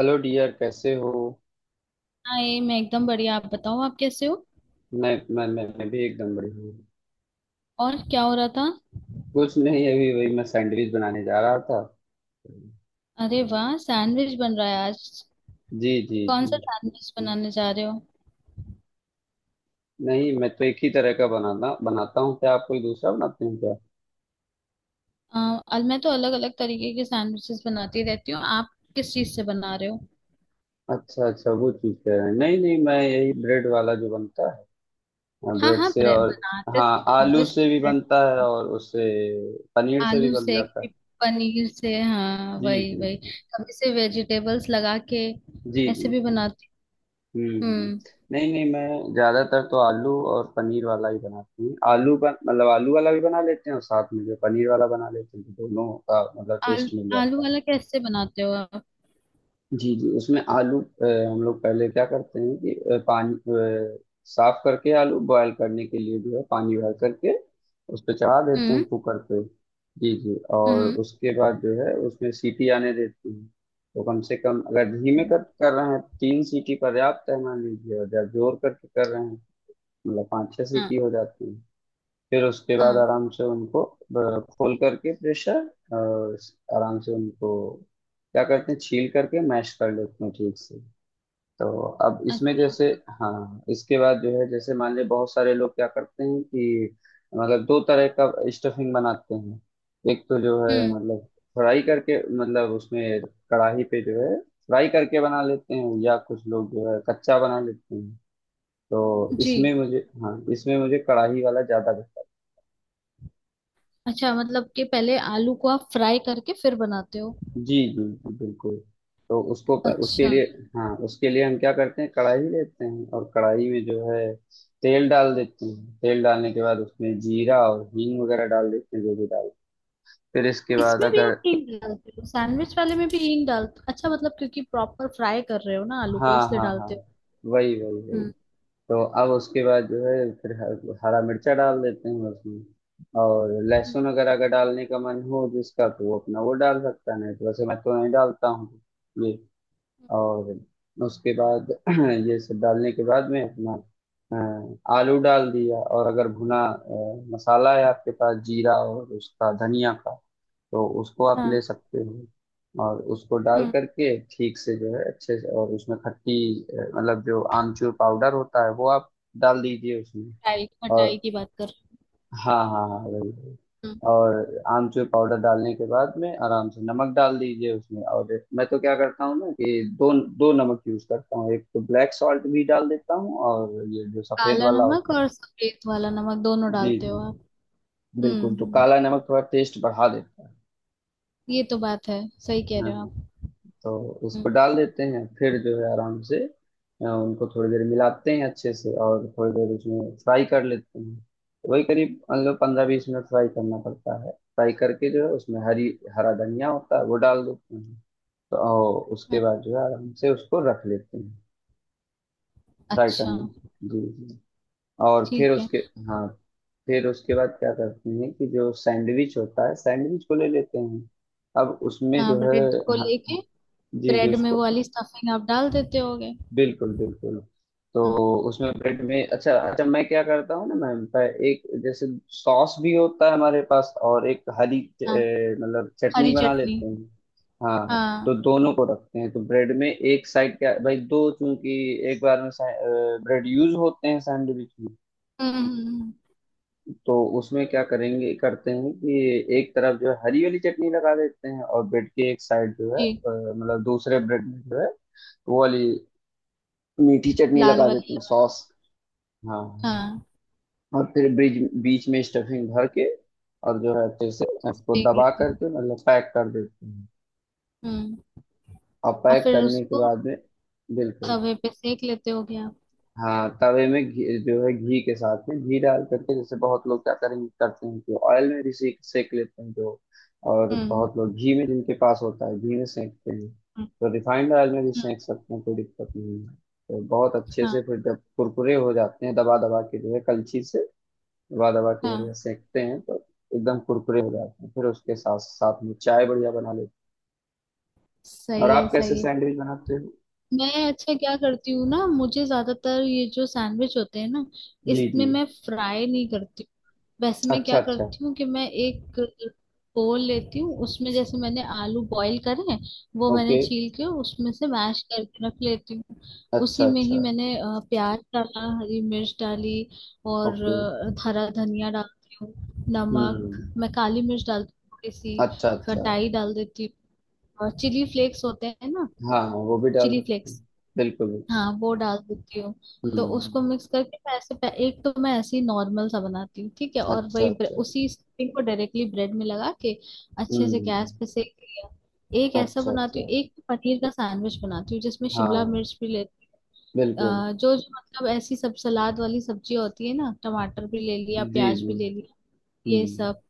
Hello dear, कैसे हो? Hi, मैं एकदम बढ़िया। आप बताओ, आप कैसे हो। मैं भी एकदम बढ़िया हूँ। और क्या हो रहा था। कुछ नहीं, अभी वही मैं सैंडविच बनाने जा रहा था। अरे वाह, सैंडविच बन रहा है आज। जी जी कौन जी। सा सैंडविच बनाने जा रहे हो। नहीं, मैं तो एक ही तरह का बनाता बनाता हूँ। क्या आप कोई दूसरा बनाते हैं क्या? आ, आज मैं तो अलग अलग तरीके के सैंडविचेस बनाती रहती हूँ। आप किस चीज से बना रहे हो। अच्छा अच्छा, वो चीज़ कह रहे हैं। नहीं नहीं, मैं यही ब्रेड वाला जो बनता है, हाँ ब्रेड हाँ, से। और बनाते। हाँ, आलू ऑब्वियसली से भी ब्रेड। बनता है, और उससे पनीर से भी आलू बन से। जाता है। पनीर से। हाँ, जी वही जी वही। जी। कभी से वेजिटेबल्स लगा के जी जी ऐसे भी जी। बनाती हूँ। हम्म। हम्म। नहीं नहीं, मैं ज्यादातर तो आलू और पनीर वाला ही बनाती हूँ। आलू बन मतलब आलू वाला भी बना लेते हैं और साथ में जो पनीर वाला बना लेते हैं, तो दोनों का मतलब आलू। टेस्ट मिल आलू जाता है। वाला कैसे बनाते हो आप। जी जी, उसमें आलू हम लोग पहले क्या करते हैं कि पानी साफ करके आलू बॉयल करने के लिए जो है, पानी बॉयल करके उस पर चढ़ा देते हैं हम्म। कुकर पे। जी जी, और हम्म। उसके बाद जो है उसमें सीटी आने देते हैं। तो कम से कम अगर धीमे हाँ कर कर रहे हैं, तीन सीटी पर्याप्त है मान लीजिए, और जब जोर करके कर रहे हैं, मतलब पाँच छह हाँ सीटी हो जाती। फिर उसके बाद हाँ। आराम से उनको खोल करके प्रेशर आराम से उनको क्या करते हैं, छील करके मैश कर लेते हैं ठीक से। तो अब इसमें अच्छा। जैसे, हाँ, इसके बाद जो है जैसे मान लीजिए बहुत सारे लोग क्या करते हैं कि मतलब दो तरह का स्टफिंग बनाते हैं। एक तो जो है हम्म। मतलब फ्राई करके, मतलब उसमें कढ़ाई पे जो है फ्राई करके बना लेते हैं, या कुछ लोग जो है कच्चा बना लेते हैं। तो जी। इसमें मुझे, हाँ, इसमें मुझे कढ़ाई वाला ज्यादा। अच्छा, मतलब कि पहले आलू को आप फ्राई करके फिर बनाते हो। जी जी जी, बिल्कुल। तो उसको, उसके अच्छा। लिए, हाँ, उसके लिए हम क्या करते हैं, कढ़ाई लेते हैं और कढ़ाई में जो है तेल डाल देते हैं। तेल डालने के बाद उसमें जीरा और हींग वगैरह डाल देते हैं, जो भी डाल, फिर इसके बाद इसमें भी अगर, आप हींग डालते हो, सैंडविच वाले में भी हींग डालते। अच्छा, मतलब क्योंकि प्रॉपर फ्राई कर रहे हो ना आलू को, हाँ इसलिए हाँ हाँ, डालते हो। वही वही वही। हम्म। तो अब उसके बाद जो है फिर हरा मिर्चा डाल देते हैं उसमें। और हम्म, लहसुन अगर अगर डालने का मन हो जिसका, तो वो अपना वो डाल सकता है, नहीं तो वैसे मैं तो नहीं डालता हूँ। और उसके बाद ये सब डालने के बाद में अपना आलू डाल दिया। और अगर भुना मसाला है आपके पास, जीरा और उसका धनिया का, तो उसको आप ले हाँ। सकते हो। और उसको डाल हम्म। करके ठीक से जो है अच्छे से, और उसमें खट्टी मतलब जो आमचूर पाउडर होता है, वो आप डाल दीजिए उसमें। खटाई, और खटाई की बात कर रहे हाँ हाँ हाँ, वही वही। हो। हम्म। और आमचूर पाउडर डालने के बाद में आराम से नमक डाल दीजिए उसमें, और मैं तो क्या करता हूँ ना कि दो दो नमक यूज करता हूँ, एक तो ब्लैक सॉल्ट भी डाल देता हूँ और ये जो सफेद काला वाला होता नमक और सफेद वाला नमक दोनों है। जी डालते जी, हो आप। हम्म। बिल्कुल। तो हम्म, काला नमक थोड़ा टेस्ट बढ़ा देता है। ये तो बात है। सही कह हाँ रहे हो हाँ। आप। तो उसको हम्म। डाल देते हैं, फिर जो है आराम से उनको थोड़ी देर मिलाते हैं अच्छे से, और थोड़ी देर उसमें फ्राई कर लेते हैं। वही करीब मतलब 15-20 मिनट फ्राई करना पड़ता है। फ्राई करके जो है उसमें हरी, हरा धनिया होता है, वो डाल देते हैं। तो और उसके हम्म, बाद जो है आराम से उसको रख लेते हैं, फ्राई अच्छा। करने। जी। जी। और फिर ठीक है। उसके, हाँ, फिर उसके बाद क्या करते हैं कि जो सैंडविच होता है, सैंडविच को ले लेते हैं। अब उसमें हाँ, जो है, ब्रेड को हाँ, लेके। जी जी, ब्रेड में वो उसको वाली स्टफिंग आप डाल देते होगे। बिल्कुल बिल्कुल। तो हम्म। उसमें ब्रेड में, अच्छा अच्छा, मैं क्या करता हूँ ना मैम, एक जैसे सॉस भी होता है हमारे पास, और एक हरी हाँ, मतलब चटनी हरी बना चटनी। लेते हैं। हाँ। हाँ। तो दोनों को रखते हैं, तो ब्रेड में एक साइड, क्या भाई, दो चूंकि एक बार में ब्रेड यूज होते हैं सैंडविच में। हम्म, हम्म। तो उसमें क्या करेंगे, करते हैं कि एक तरफ जो है हरी वाली चटनी लगा देते हैं, और ब्रेड के एक साइड जो है जी। मतलब दूसरे ब्रेड में जो है, वो वाली मीठी चटनी लाल लगा देते वाली। हैं, सॉस। हाँ। हाँ। और फिर बीच बीच में स्टफिंग भर के, और जो है अच्छे से उसको सेक दबा लेते हो। करके मतलब पैक कर देते हैं। हम्म। और और पैक फिर करने के उसको बाद में, बिल्कुल, तवे पे सेक लेते हो क्या आप? हाँ, तवे में घी जो है, घी के साथ में घी डाल करके, जैसे बहुत लोग क्या करेंगे करते हैं कि ऑयल में भी सेक सेक लेते हैं जो, और हम्म। बहुत लोग घी में, जिनके पास होता है घी में सेकते हैं, हम्म। तो रिफाइंड ऑयल में भी हम्म, सेक सकते हैं, कोई दिक्कत नहीं है। तो बहुत अच्छे से हाँ फिर जब कुरकुरे हो जाते हैं, दबा दबा के जो है कलछी से दबा दबा के हाँ। बढ़िया सेकते हैं, तो एकदम कुरकुरे हो जाते हैं। फिर उसके साथ साथ में चाय बढ़िया बना लेते हैं। और सही आप है, कैसे सही है। सैंडविच बनाते हो? मैं, अच्छा, क्या करती हूँ ना, मुझे ज्यादातर ये जो सैंडविच होते हैं ना, जी जी। इसमें मैं फ्राई नहीं करती। वैसे मैं अच्छा क्या अच्छा। करती हूँ कि मैं एक बोल लेती हूँ, उसमें जैसे मैंने आलू बॉईल करे हैं, वो मैंने ओके। छील के उसमें से मैश करके रख लेती हूँ। अच्छा उसी में ही अच्छा। मैंने प्याज डाला, हरी मिर्च डाली, और ओके। हरा धनिया डालती हूँ। नमक, हम्म। मैं काली मिर्च डालती हूँ थोड़ी सी। अच्छा अच्छा। खटाई डाल देती हूँ, और चिली फ्लेक्स होते हैं ना, हाँ हाँ, वो भी डाल चिली सकते हैं। फ्लेक्स, बिल्कुल बिल्कुल। हाँ वो डाल देती हूँ। तो उसको हम्म। मिक्स करके मैं ऐसे एक तो मैं ऐसे ही नॉर्मल सा बनाती हूँ, ठीक है, अच्छा और अच्छा। वही उसी स्टफिंग को डायरेक्टली ब्रेड में लगा के अच्छे से हम्म। गैस पे सेक लिया। एक ऐसा अच्छा बनाती अच्छा। हूँ। एक पनीर का सैंडविच बनाती हूँ, जिसमें शिमला हाँ, मिर्च भी लेती बिल्कुल। हूँ। जो जो, मतलब ऐसी सब सलाद वाली सब्जी होती है ना, टमाटर भी ले लिया, जी प्याज जी। भी ले लिया, ये हम्म। सब।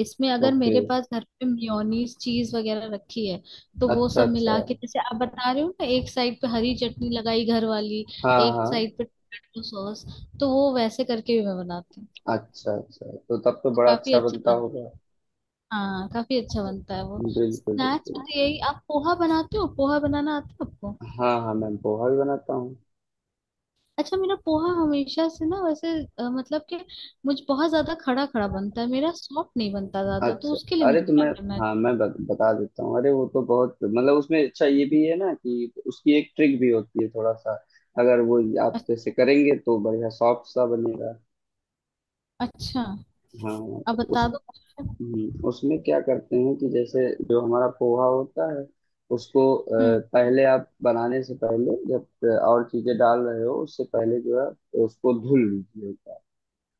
इसमें अगर ओके। मेरे पास घर पे मेयोनीज चीज वगैरह रखी है, तो वो अच्छा सब अच्छा। मिला के, जैसे आप बता रहे हो ना, एक साइड पे हरी चटनी लगाई घर वाली, हाँ एक हाँ। साइड पे टोमेटो सॉस, तो वो वैसे करके भी मैं बनाती हूँ। अच्छा अच्छा, तो तब तो तो बड़ा काफी अच्छा अच्छा बनता बनता है। होगा। हाँ, काफी अच्छा बनता है वो। बिल्कुल स्नैक्स में बिल्कुल। तो यही। आप पोहा बनाते हो? पोहा बनाना आता है आपको? हाँ हाँ, मैं पोहा भी बनाता हूँ। अच्छा, मेरा पोहा हमेशा से ना, वैसे मतलब कि मुझ बहुत ज्यादा खड़ा खड़ा बनता है मेरा, सॉफ्ट नहीं बनता ज्यादा। तो अच्छा, उसके लिए अरे मुझे तो क्या मैं, करना है। हाँ, मैं बता देता हूँ। अरे वो तो बहुत, मतलब उसमें अच्छा ये भी है ना कि उसकी एक ट्रिक भी होती है थोड़ा सा। अगर वो आप अ- जैसे करेंगे तो बढ़िया सॉफ्ट सा बनेगा। अच्छा, हाँ। तो अब उस, बता दो। उसमें क्या करते हैं कि जैसे जो हमारा पोहा होता है, उसको हम्म। पहले, आप बनाने से पहले जब और चीजें डाल रहे हो, उससे पहले जो है उसको धुल लीजिए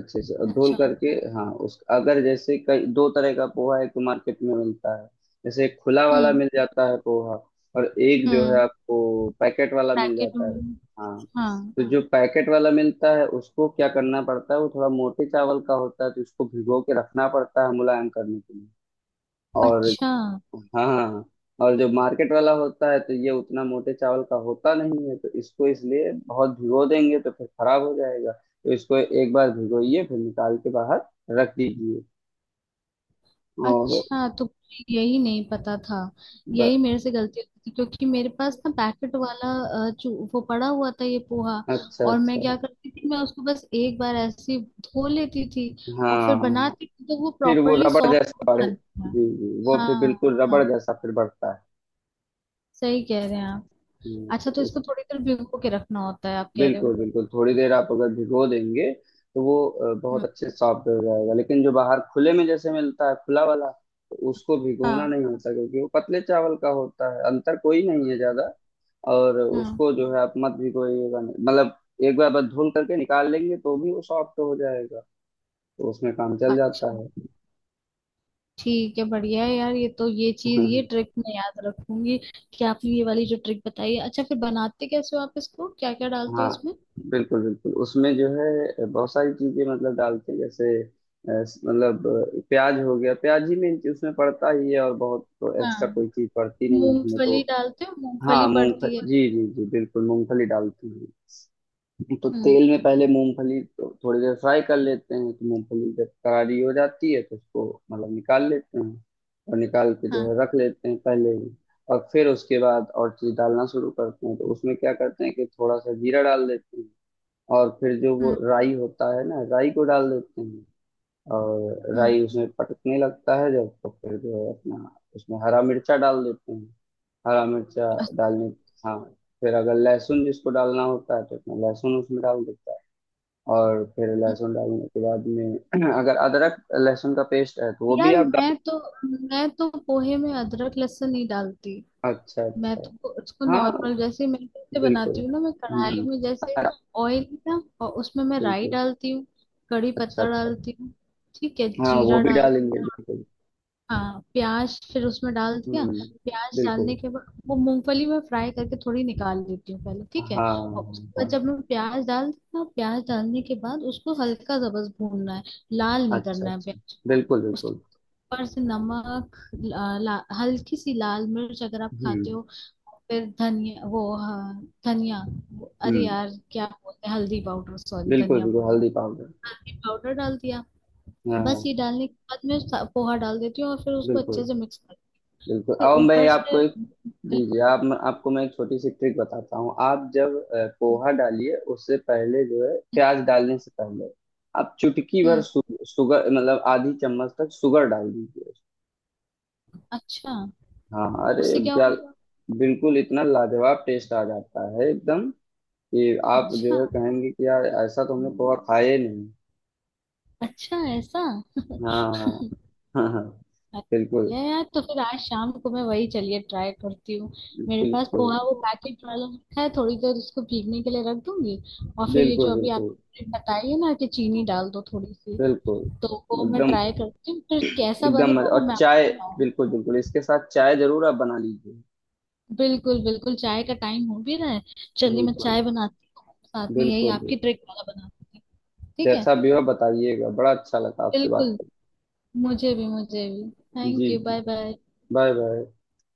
अच्छे से। और धुल अच्छा। करके, हाँ, उस अगर जैसे, कई दो तरह का पोहा, एक तो मार्केट में मिलता है, जैसे एक खुला वाला हम्म। मिल जाता है पोहा, और एक जो है हम्म। आपको पैकेट वाला मिल पैकेट जाता है। में। हाँ। हाँ। तो जो पैकेट वाला मिलता है, उसको क्या करना पड़ता है, वो थोड़ा मोटे चावल का होता है, तो उसको भिगो के रखना पड़ता है मुलायम करने के लिए। और अच्छा हाँ, और जो मार्केट वाला होता है, तो ये उतना मोटे चावल का होता नहीं है, तो इसको इसलिए बहुत भिगो देंगे तो फिर खराब हो जाएगा। तो इसको एक बार भिगोइए, फिर निकाल के बाहर रख दीजिए। और अच्छा, तो मुझे यही नहीं पता था। ब, यही मेरे से गलती हुई थी, क्योंकि मेरे पास ना पैकेट वाला जो वो पड़ा हुआ था ये पोहा, अच्छा और मैं अच्छा, क्या करती थी, मैं उसको बस एक बार ऐसे ही धो लेती थी और फिर हाँ, बनाती थी, तो वो फिर वो प्रॉपरली रबड़ सॉफ्ट हो जैसा बढ़े। जाता था। जी जी, वो फिर हाँ बिल्कुल रबड़ हाँ, जैसा फिर बढ़ता है। सही कह रहे हैं आप। अच्छा, तो तो इसको थोड़ी देर भिगो के रखना होता है आप कह रहे हो। बिल्कुल बिल्कुल, थोड़ी देर आप अगर भिगो देंगे तो वो बहुत हम्म, अच्छे सॉफ्ट हो जाएगा। लेकिन जो बाहर खुले में जैसे मिलता है खुला वाला, तो उसको भिगोना हाँ नहीं होता, क्योंकि वो पतले चावल का होता है, अंतर कोई नहीं है ज्यादा। और हाँ। उसको जो है आप मत भिगोइएगा, मतलब एक बार बस धुल करके निकाल लेंगे तो भी वो सॉफ्ट हो जाएगा, तो उसमें काम चल जाता अच्छा, है। ठीक है, बढ़िया है यार। ये तो, ये चीज, ये ट्रिक मैं याद रखूंगी कि आपने ये वाली जो ट्रिक बताई है। अच्छा, फिर बनाते कैसे हो आप इसको? क्या क्या डालते हो हाँ, इसमें? बिल्कुल बिल्कुल, उसमें जो है बहुत सारी चीजें मतलब डालते हैं, जैसे मतलब प्याज हो गया, प्याज ही में उसमें पड़ता ही है, और बहुत तो हाँ, एक्स्ट्रा कोई चीज पड़ती नहीं है उसमें, तो मूंगफली डालते हो? हाँ, मूंगफली पड़ती है। मूंगफली, जी जी जी, बिल्कुल मूंगफली डालते हैं। तो हम्म। तेल में पहले मूंगफली को थोड़ी देर फ्राई कर लेते हैं, तो मूंगफली जब करारी हो जाती है तो उसको मतलब निकाल लेते हैं, और निकाल के जो हाँ। है रख लेते हैं पहले ही। और फिर उसके बाद और चीज डालना शुरू करते हैं, तो उसमें क्या करते हैं कि थोड़ा सा जीरा डाल देते हैं, और फिर जो वो हम्म। राई होता है ना, राई को डाल देते हैं। और हम्म। राई उसमें पटकने लगता है जब, तो फिर जो है अपना उसमें हरा मिर्चा डाल देते हैं। हरा मिर्चा डालने, हाँ, फिर अगर लहसुन जिसको डालना होता है, तो अपना लहसुन उसमें डाल देता है। और फिर अच्छा। लहसुन डालने के बाद में अगर अदरक लहसुन का पेस्ट है, तो वो भी यार, आप डाल। मैं तो पोहे में अदरक लहसुन नहीं डालती। अच्छा मैं अच्छा। तो उसको हाँ, नॉर्मल, जैसे मैं कैसे बिल्कुल। बनाती हूँ ना, मैं कढ़ाई हम्म। में जैसे ऑयल ना, और उसमें मैं राई बिल्कुल। डालती हूँ, कड़ी अच्छा पत्ता अच्छा। डालती हूँ, ठीक है, हाँ, वो जीरा भी डाल, डालेंगे बिल्कुल। हाँ, प्याज फिर उसमें डाल दिया। हम्म। प्याज बिल्कुल। डालने के बाद वो मूंगफली में फ्राई करके थोड़ी निकाल लेती हूँ पहले, हाँ ठीक है, हाँ। और उसके बाद हाँ। जब मैं प्याज डाल दिया, प्याज डालने के बाद उसको हल्का सा बस भूनना है, लाल नहीं अच्छा करना है अच्छा। प्याज को। बिल्कुल उसके बिल्कुल। ऊपर से नमक, ला, ला, हल्की सी लाल मिर्च अगर आप खाते हम्म हो, फिर धनिया, वो, हाँ, धनिया, अरे हम्म। यार क्या बोलते हैं, हल्दी पाउडर, सॉरी, बिल्कुल धनिया बिल्कुल, बोल रही हूँ। हल्दी पाउडर। हल्दी पाउडर डाल दिया। हाँ बस ये हाँ। डालने के बाद मैं पोहा डाल देती हूँ और फिर उसको बिल्कुल अच्छे से मिक्स कर, बिल्कुल। फिर अब मैं ऊपर आपको से। एक, जी जी, आप, आपको मैं एक छोटी सी ट्रिक बताता हूँ। आप जब पोहा डालिए, उससे पहले जो है, प्याज डालने से पहले आप चुटकी भर हम्म। सुगर मतलब आधी चम्मच तक शुगर डाल दीजिए। अच्छा, हाँ, अरे उससे क्या क्या, होगा। बिल्कुल, इतना लाजवाब टेस्ट आ जाता है एकदम, कि आप अच्छा। जो है कहेंगे कि यार ऐसा तो हमने पोहा खाया ही नहीं। अच्छा ऐसा। हाँ हाँ। हाँ हाँ। बिल्कुल। ये यार, तो फिर आज शाम को मैं वही चलिए ट्राई करती हूँ। मेरे पास बिल्कुल पोहा वो पैकेट वाला रखा है, थोड़ी देर उसको भीगने के लिए रख दूंगी, और फिर ये जो बिल्कुल अभी बिल्कुल आपने बताई है ना कि चीनी डाल दो थोड़ी सी, बिल्कुल। तो वो मैं एकदम, ट्राई करती हूँ, फिर कैसा एकदम बनेगा मजा, वो और मैं चाय, आपको बताऊंगी। बिल्कुल बिल्कुल, इसके साथ चाय जरूर आप बना लीजिए। बिल्कुल बिल्कुल, चाय का टाइम हो भी रहा है। चलिए, मैं बिल्कुल चाय बनाती हूँ साथ में, यही बिल्कुल। आपकी ट्रिक वाला बनाती हूँ, ठीक है। जैसा भी हो बताइएगा, बड़ा अच्छा लगा आपसे बात बिल्कुल। मुझे भी, मुझे भी। करके। थैंक जी यू, बाय जी। बाय। Bye bye.